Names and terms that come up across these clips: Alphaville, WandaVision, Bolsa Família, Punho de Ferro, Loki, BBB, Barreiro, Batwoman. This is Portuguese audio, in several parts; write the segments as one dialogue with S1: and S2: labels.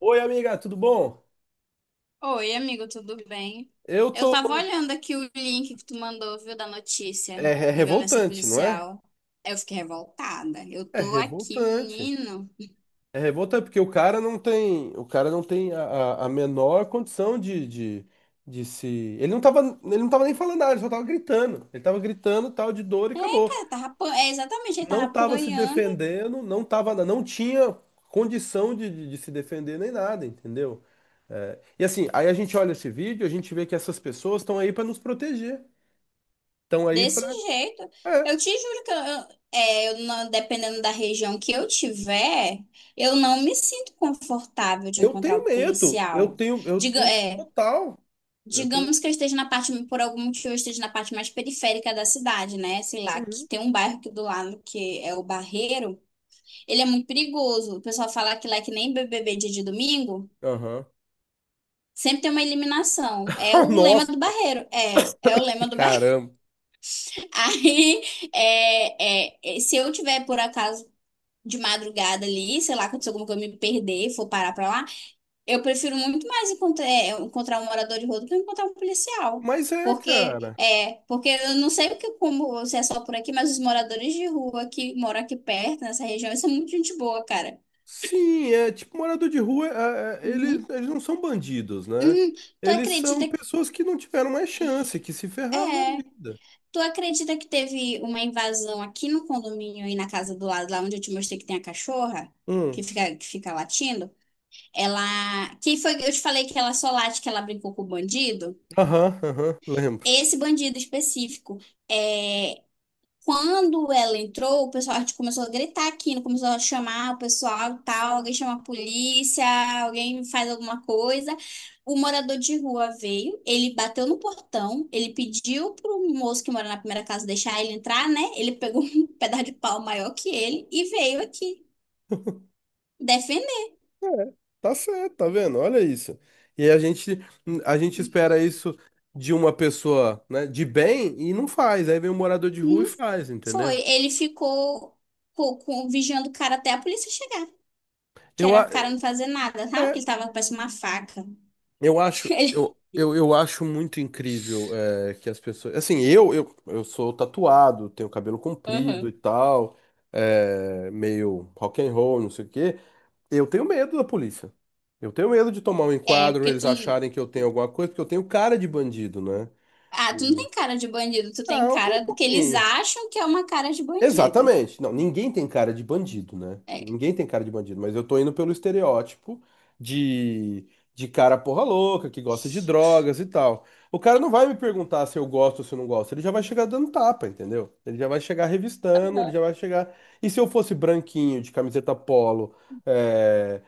S1: Oi, amiga, tudo bom?
S2: Oi, amigo, tudo bem?
S1: Eu
S2: Eu
S1: tô.
S2: tava olhando aqui o link que tu mandou, viu, da notícia
S1: É
S2: da violência
S1: revoltante, não é?
S2: policial. Eu fiquei revoltada. Eu
S1: É
S2: tô aqui,
S1: revoltante.
S2: menino.
S1: É revoltante porque o cara não tem a menor condição de se. Ele não tava, ele não tava nem falando nada, ele só tava gritando. Ele tava gritando tal de dor e acabou.
S2: Cara, é, exatamente, ele tava
S1: Não tava se
S2: apanhando
S1: defendendo, não tava, não tinha condição de se defender nem nada, entendeu? É, e assim, aí a gente olha esse vídeo, a gente vê que essas pessoas estão aí para nos proteger, estão aí
S2: desse
S1: para.
S2: jeito. Eu te juro que eu não- dependendo da região que eu tiver, eu não me sinto confortável de
S1: Eu
S2: encontrar o
S1: tenho medo. Eu
S2: policial.
S1: tenho, eu
S2: Diga,
S1: tenho
S2: é.
S1: total. Eu tenho.
S2: Digamos que eu esteja na parte, por algum motivo, eu esteja na parte mais periférica da cidade, né? Sei lá, que
S1: Uhum.
S2: tem um bairro aqui do lado que é o Barreiro. Ele é muito perigoso. O pessoal fala que lá é que nem BBB dia de domingo,
S1: Aham.
S2: sempre tem uma eliminação. É o lema
S1: Nossa,
S2: do Barreiro. É o lema do Barreiro.
S1: caramba.
S2: Aí, é, se eu tiver, por acaso, de madrugada ali, sei lá, aconteceu alguma coisa, eu me perder, for parar pra lá. Eu prefiro muito mais encontrar um morador de rua do que encontrar um policial.
S1: Mas é,
S2: Porque,
S1: cara.
S2: é, porque eu não sei o que, como se é só por aqui, mas os moradores de rua que moram aqui perto, nessa região, eles são muito gente boa, cara.
S1: Sim, é tipo morador de rua,
S2: Uhum.
S1: eles não são bandidos, né?
S2: Hum, tu
S1: Eles são
S2: acredita,
S1: pessoas que não tiveram mais chance, que se
S2: é,
S1: ferraram na vida.
S2: tu acredita que teve uma invasão aqui no condomínio, aí na casa do lado, lá onde eu te mostrei que tem a cachorra, que
S1: Hum.
S2: fica, que fica latindo? Ela, que foi, eu te falei que ela só late, que ela brincou com o bandido?
S1: Aham, aham, lembro.
S2: Esse bandido específico. É, Quando ela entrou, o pessoal tipo, começou a gritar aqui, né? Começou a chamar o pessoal e tal, alguém chama a polícia, alguém faz alguma coisa. O morador de rua veio, ele bateu no portão, ele pediu pro moço que mora na primeira casa deixar ele entrar, né? Ele pegou um pedaço de pau maior que ele e veio aqui defender.
S1: É, tá certo, tá vendo? Olha isso. E a gente, a gente espera isso de uma pessoa, né, de bem e não faz. Aí vem um morador de rua e
S2: Não
S1: faz, entendeu?
S2: foi, ele ficou vigiando o cara até a polícia chegar, que
S1: Eu,
S2: era
S1: a-
S2: o cara não fazer nada, sabe? Que
S1: é,
S2: ele tava com parece uma faca.
S1: eu acho,
S2: Ele-
S1: eu acho muito incrível é, que as pessoas. Assim, eu sou tatuado, tenho cabelo comprido
S2: Aham.
S1: e tal, é, meio rock and roll, não sei o quê. Eu tenho medo da polícia. Eu tenho medo de tomar um
S2: É,
S1: enquadro,
S2: porque
S1: eles
S2: tu
S1: acharem que eu tenho alguma coisa, porque eu tenho cara de bandido, né?
S2: ah, tu não tem cara de bandido, tu
S1: Ah,
S2: tem
S1: eu tenho
S2: cara
S1: um
S2: do que eles
S1: pouquinho.
S2: acham que é uma cara de bandido.
S1: Exatamente. Não, ninguém tem cara de bandido, né?
S2: É.
S1: Ninguém tem cara de bandido, mas eu tô indo pelo estereótipo de, de cara porra louca, que gosta de drogas e tal. O cara não vai me perguntar se eu gosto ou se eu não gosto, ele já vai chegar dando tapa, entendeu? Ele já vai chegar revistando, ele
S2: Aham.
S1: já vai chegar. E se eu fosse branquinho, de camiseta polo, eh,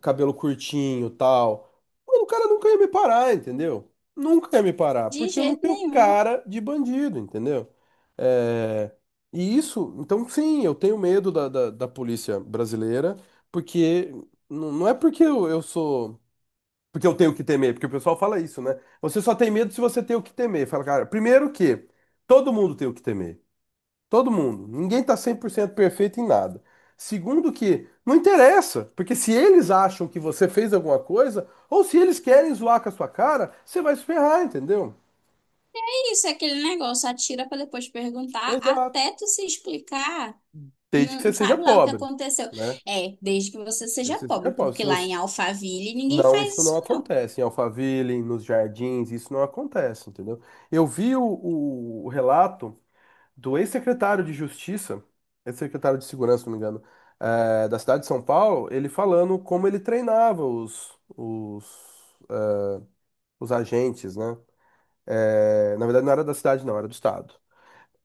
S1: cabelo curtinho, tal. Mano, o cara nunca ia me parar, entendeu? Nunca ia me parar,
S2: De
S1: porque eu não
S2: jeito
S1: tenho
S2: nenhum.
S1: cara de bandido, entendeu? É, e isso, então sim, eu tenho medo da polícia brasileira, porque não é porque eu sou. Porque eu tenho o que temer, porque o pessoal fala isso, né? Você só tem medo se você tem o que temer. Fala, cara, primeiro que todo mundo tem o que temer. Todo mundo. Ninguém tá 100% perfeito em nada. Segundo que, não interessa, porque se eles acham que você fez alguma coisa, ou se eles querem zoar com a sua cara, você vai se ferrar, entendeu?
S2: É. Isso é aquele negócio, atira pra depois perguntar,
S1: Exato.
S2: até tu se explicar,
S1: Desde que
S2: não
S1: você seja
S2: sabe lá o que
S1: pobre,
S2: aconteceu.
S1: né?
S2: É, desde que você seja
S1: Desde que você seja
S2: pobre,
S1: pobre. Se
S2: porque lá em
S1: você...
S2: Alphaville ninguém
S1: Não,
S2: faz
S1: isso não
S2: isso não.
S1: acontece. Em Alphaville, nos jardins, isso não acontece, entendeu? Eu vi o relato do ex-secretário de Justiça, ex-secretário de Segurança, se não me engano, da cidade de São Paulo, ele falando como ele treinava eh, os agentes, né? Eh, na verdade, não era da cidade, não, era do estado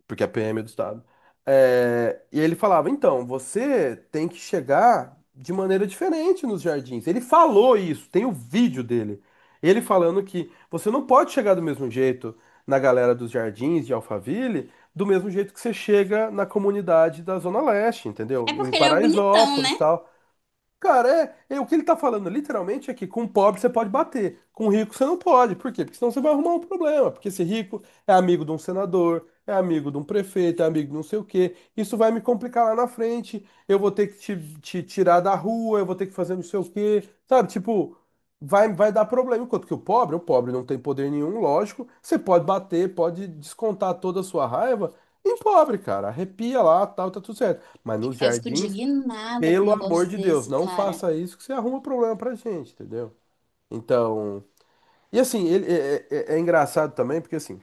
S1: porque a PM é do Estado. É, e ele falava, então, você tem que chegar de maneira diferente nos jardins. Ele falou isso, tem o vídeo dele. Ele falando que você não pode chegar do mesmo jeito na galera dos jardins de Alphaville, do mesmo jeito que você chega na comunidade da Zona Leste,
S2: É
S1: entendeu? Em
S2: porque ele é o bonitão,
S1: Paraisópolis, e
S2: né?
S1: tal. Cara, é, é o que ele tá falando literalmente é que com pobre você pode bater, com rico você não pode. Por quê? Porque senão você vai arrumar um problema. Porque esse rico é amigo de um senador, é amigo de um prefeito, é amigo de não sei o quê. Isso vai me complicar lá na frente. Eu vou ter que te tirar da rua, eu vou ter que fazer não sei o quê. Sabe? Tipo, vai, vai dar problema. Enquanto que o pobre não tem poder nenhum, lógico. Você pode bater, pode descontar toda a sua raiva em pobre, cara. Arrepia lá, tal, tá tudo certo. Mas nos
S2: Eu fico
S1: jardins.
S2: indignada com um
S1: Pelo amor
S2: negócio
S1: de Deus,
S2: desse,
S1: não
S2: cara.
S1: faça isso que você arruma problema pra gente, entendeu? Então. E assim, ele é, é engraçado também, porque assim,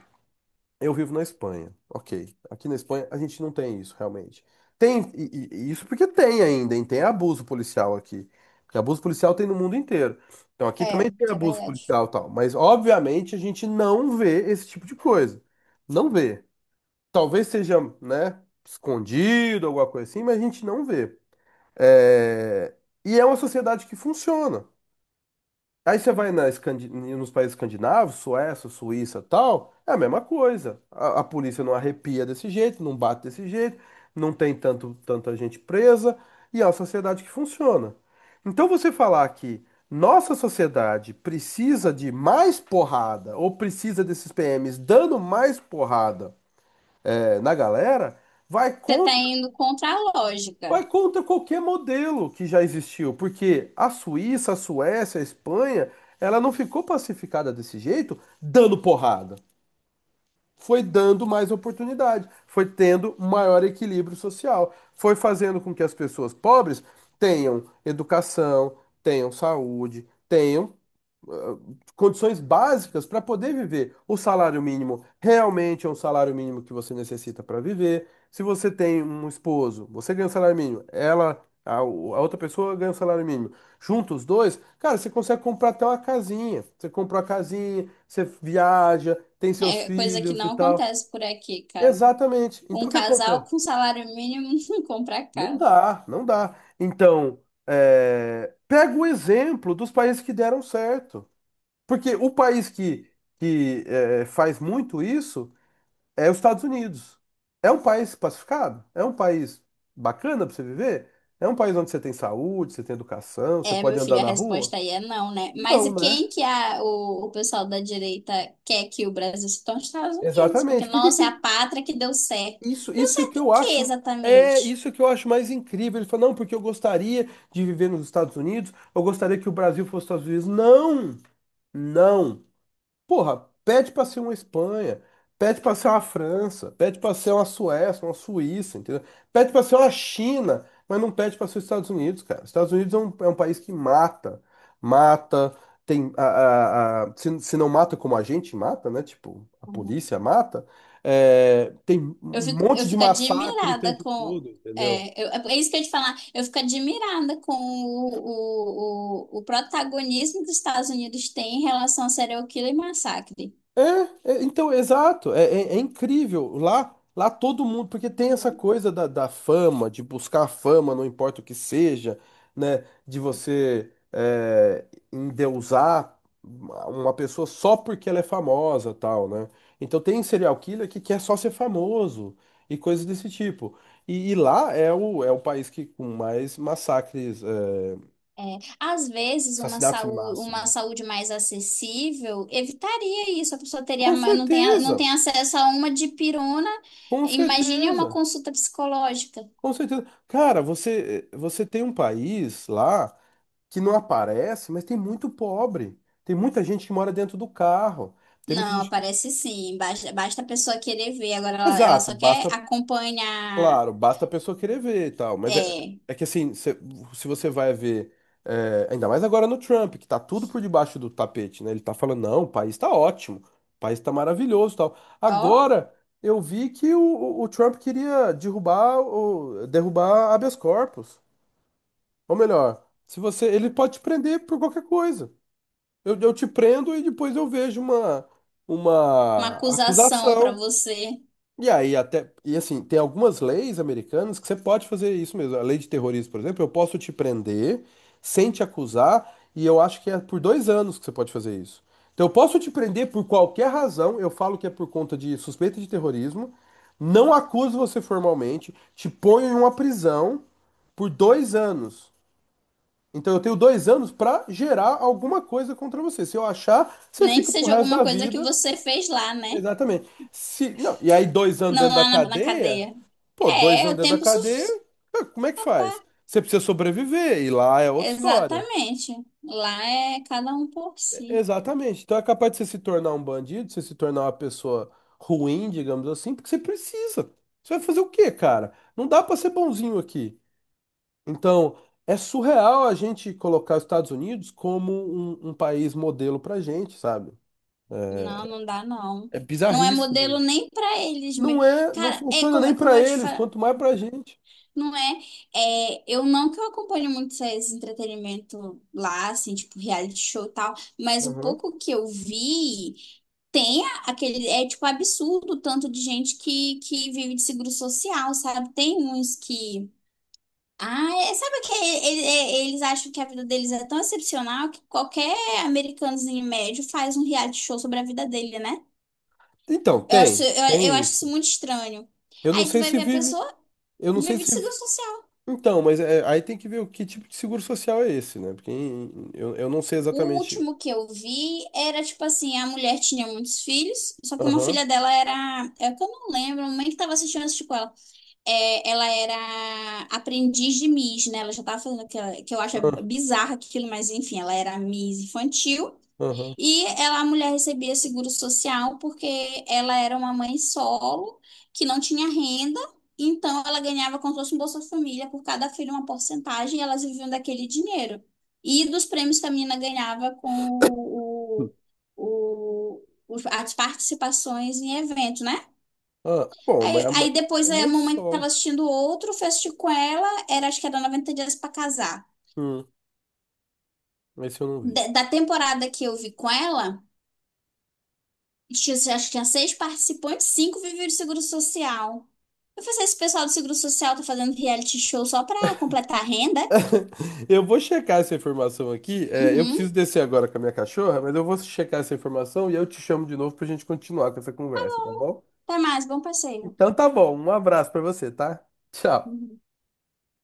S1: eu vivo na Espanha, ok. Aqui na Espanha a gente não tem isso, realmente. Tem, e isso porque tem ainda, hein? Tem abuso policial aqui. Porque abuso policial tem no mundo inteiro. Então aqui
S2: É,
S1: também tem
S2: isso é
S1: abuso
S2: verdade.
S1: policial e tal. Mas obviamente a gente não vê esse tipo de coisa. Não vê. Talvez seja, né, escondido, alguma coisa assim, mas a gente não vê. É, e é uma sociedade que funciona. Aí você vai na nos países escandinavos, Suécia, Suíça, tal, é a mesma coisa. A polícia não arrepia desse jeito, não bate desse jeito, não tem tanto, tanta gente presa, e é uma sociedade que funciona. Então você falar que nossa sociedade precisa de mais porrada, ou precisa desses PMs dando mais porrada, é, na galera, vai
S2: Você tá
S1: contra.
S2: indo contra a lógica.
S1: Vai contra qualquer modelo que já existiu, porque a Suíça, a Suécia, a Espanha, ela não ficou pacificada desse jeito, dando porrada. Foi dando mais oportunidade, foi tendo maior equilíbrio social, foi fazendo com que as pessoas pobres tenham educação, tenham saúde, tenham condições básicas para poder viver. O salário mínimo realmente é um salário mínimo que você necessita para viver. Se você tem um esposo, você ganha um salário mínimo, ela, a outra pessoa ganha um salário mínimo. Juntos os dois, cara, você consegue comprar até uma casinha. Você compra uma casinha, você viaja, tem seus
S2: É coisa que
S1: filhos e
S2: não
S1: tal.
S2: acontece por aqui, cara.
S1: Exatamente.
S2: Um
S1: Então o que
S2: casal
S1: acontece?
S2: com salário mínimo não compra
S1: Não
S2: carro.
S1: dá, não dá. Então, é, pega o exemplo dos países que deram certo. Porque o país que faz muito isso é os Estados Unidos. É um país pacificado, é um país bacana para você viver, é um país onde você tem saúde, você tem educação, você
S2: É, meu
S1: pode andar
S2: filho, a
S1: na rua.
S2: resposta aí é não, né? Mas
S1: Não,
S2: e
S1: né?
S2: quem que o pessoal da direita quer que o Brasil se torne os Estados Unidos? Porque,
S1: Exatamente. Por que que
S2: nossa, é a pátria que deu certo.
S1: isso,
S2: Deu
S1: isso que
S2: certo
S1: eu
S2: em quê,
S1: acho é
S2: exatamente?
S1: isso que eu acho mais incrível. Ele falou, não, porque eu gostaria de viver nos Estados Unidos, eu gostaria que o Brasil fosse os Estados Unidos. Não, não. Porra, pede pra ser uma Espanha, pede pra ser uma França, pede pra ser uma Suécia, uma Suíça, entendeu? Pede pra ser uma China, mas não pede pra ser os Estados Unidos, cara. Os Estados Unidos é um país que mata, mata, tem se, se não mata como a gente mata, né? Tipo, a
S2: Uhum.
S1: polícia mata, é, tem um
S2: Eu fico, eu
S1: monte de
S2: fico
S1: massacre o
S2: admirada
S1: tempo
S2: com.
S1: todo, entendeu?
S2: É, é isso que eu ia te falar. Eu fico admirada com o protagonismo que os Estados Unidos têm em relação a serial killer e massacre.
S1: É, então, exato, é, é incrível. Lá, lá todo mundo, porque tem essa coisa da fama, de buscar fama, não importa o que seja, né? De você é, endeusar uma pessoa só porque ela é famosa, tal, né? Então tem serial killer que quer só ser famoso e coisas desse tipo. E lá é o país que com mais massacres, é,
S2: É, às vezes, uma
S1: assassinatos em
S2: saúde,
S1: massa,
S2: uma
S1: né?
S2: saúde mais acessível evitaria isso. A pessoa teria,
S1: Com
S2: não tem, não
S1: certeza,
S2: tem acesso a uma dipirona.
S1: com
S2: Imagine uma
S1: certeza.
S2: consulta psicológica.
S1: Com certeza. Cara, você tem um país lá que não aparece, mas tem muito pobre. Tem muita gente que mora dentro do carro. Tem muita
S2: Não,
S1: gente que...
S2: aparece sim. Basta a pessoa querer ver. Agora, ela
S1: Exato,
S2: só quer
S1: basta,
S2: acompanhar.
S1: claro, basta a pessoa querer ver e tal. Mas é,
S2: É,
S1: é que assim, se você vai ver, é, ainda mais agora no Trump, que tá tudo por debaixo do tapete, né? Ele tá falando, não, o país tá ótimo, o país tá maravilhoso e tal.
S2: ó,
S1: Agora eu vi que o Trump queria derrubar, o, derrubar habeas corpus. Ou melhor, se você, ele pode te prender por qualquer coisa. Eu te prendo e depois eu vejo
S2: uma
S1: uma
S2: acusação para
S1: acusação.
S2: você.
S1: E aí até, e assim, tem algumas leis americanas que você pode fazer isso mesmo. A lei de terrorismo, por exemplo, eu posso te prender sem te acusar, e eu acho que é por 2 anos que você pode fazer isso. Então eu posso te prender por qualquer razão, eu falo que é por conta de suspeita de terrorismo, não acuso você formalmente, te ponho em uma prisão por 2 anos. Então eu tenho 2 anos para gerar alguma coisa contra você. Se eu achar, você
S2: Nem que
S1: fica pro
S2: seja
S1: resto
S2: alguma
S1: da
S2: coisa que
S1: vida.
S2: você fez lá, né?
S1: Exatamente. Se, não, e aí 2 anos
S2: Não
S1: dentro da
S2: lá na
S1: cadeia,
S2: cadeia.
S1: pô, dois
S2: É,
S1: anos
S2: o
S1: dentro da
S2: tempo
S1: cadeia,
S2: suficiente.
S1: ah, como é que faz? Você precisa sobreviver, e lá é outra história.
S2: Exatamente. Lá é cada um por si.
S1: Exatamente. Então é capaz de você se tornar um bandido, você se tornar uma pessoa ruim, digamos assim, porque você precisa. Você vai fazer o quê, cara? Não dá para ser bonzinho aqui. Então, é surreal a gente colocar os Estados Unidos como um país modelo pra gente, sabe?
S2: Não, não dá não.
S1: É
S2: Não é modelo
S1: bizarríssimo.
S2: nem pra eles mesmo.
S1: Não é, não
S2: Cara, é
S1: funciona
S2: como, é
S1: nem
S2: como
S1: pra
S2: eu te
S1: eles,
S2: falo,
S1: quanto mais pra gente.
S2: não é, eu não que eu acompanho muito esse entretenimento lá, assim, tipo reality show e tal, mas o
S1: Uhum.
S2: pouco que eu vi tem aquele, é tipo absurdo o tanto de gente que vive de seguro social, sabe? Tem uns que Ah, sabe que eles acham que a vida deles é tão excepcional que qualquer americanozinho médio faz um reality show sobre a vida dele, né?
S1: Então,
S2: Eu acho,
S1: tem,
S2: eu, eu
S1: tem
S2: acho isso
S1: isso.
S2: muito estranho.
S1: Eu não
S2: Aí tu
S1: sei
S2: vai
S1: se
S2: ver a
S1: vive,
S2: pessoa
S1: eu não sei
S2: vive de
S1: se.
S2: seguro social.
S1: Então, mas é- aí tem que ver o que tipo de seguro social é esse, né? Porque em- eu não sei
S2: O
S1: exatamente.
S2: último que eu vi era tipo assim, a mulher tinha muitos filhos, só que uma
S1: Aham,
S2: filha dela era, é que eu não lembro, a mãe que tava assistindo assistiu com ela. É, ela era aprendiz de Miss, né? Ela já tava fazendo aquela, que eu acho
S1: aham,
S2: bizarro aquilo, mas enfim, ela era Miss infantil.
S1: aham.
S2: E ela, a mulher recebia seguro social porque ela era uma mãe solo, que não tinha renda, então ela ganhava como se fosse um Bolsa Família por cada filho uma porcentagem e elas viviam daquele dinheiro. E dos prêmios que a menina ganhava com o, as participações em eventos, né?
S1: Ah, bom, mas
S2: Aí, aí
S1: é
S2: depois a
S1: mais
S2: mamãe
S1: só.
S2: estava assistindo outro, fui assistir com ela, era, acho que era 90 dias para casar.
S1: Hum, esse eu não vi.
S2: Da temporada que eu vi com ela. Tinha, acho que tinha seis participantes, cinco viviam do seguro social. Eu falei, assim, esse pessoal do seguro social tá fazendo reality show só pra completar a renda?
S1: Eu vou checar essa informação aqui. É, eu
S2: Uhum.
S1: preciso descer agora com a minha cachorra, mas eu vou checar essa informação e eu te chamo de novo pra gente continuar com essa conversa, tá bom?
S2: Até mais, bom passeio.
S1: Então tá bom. Um abraço pra você, tá? Tchau.
S2: Uhum.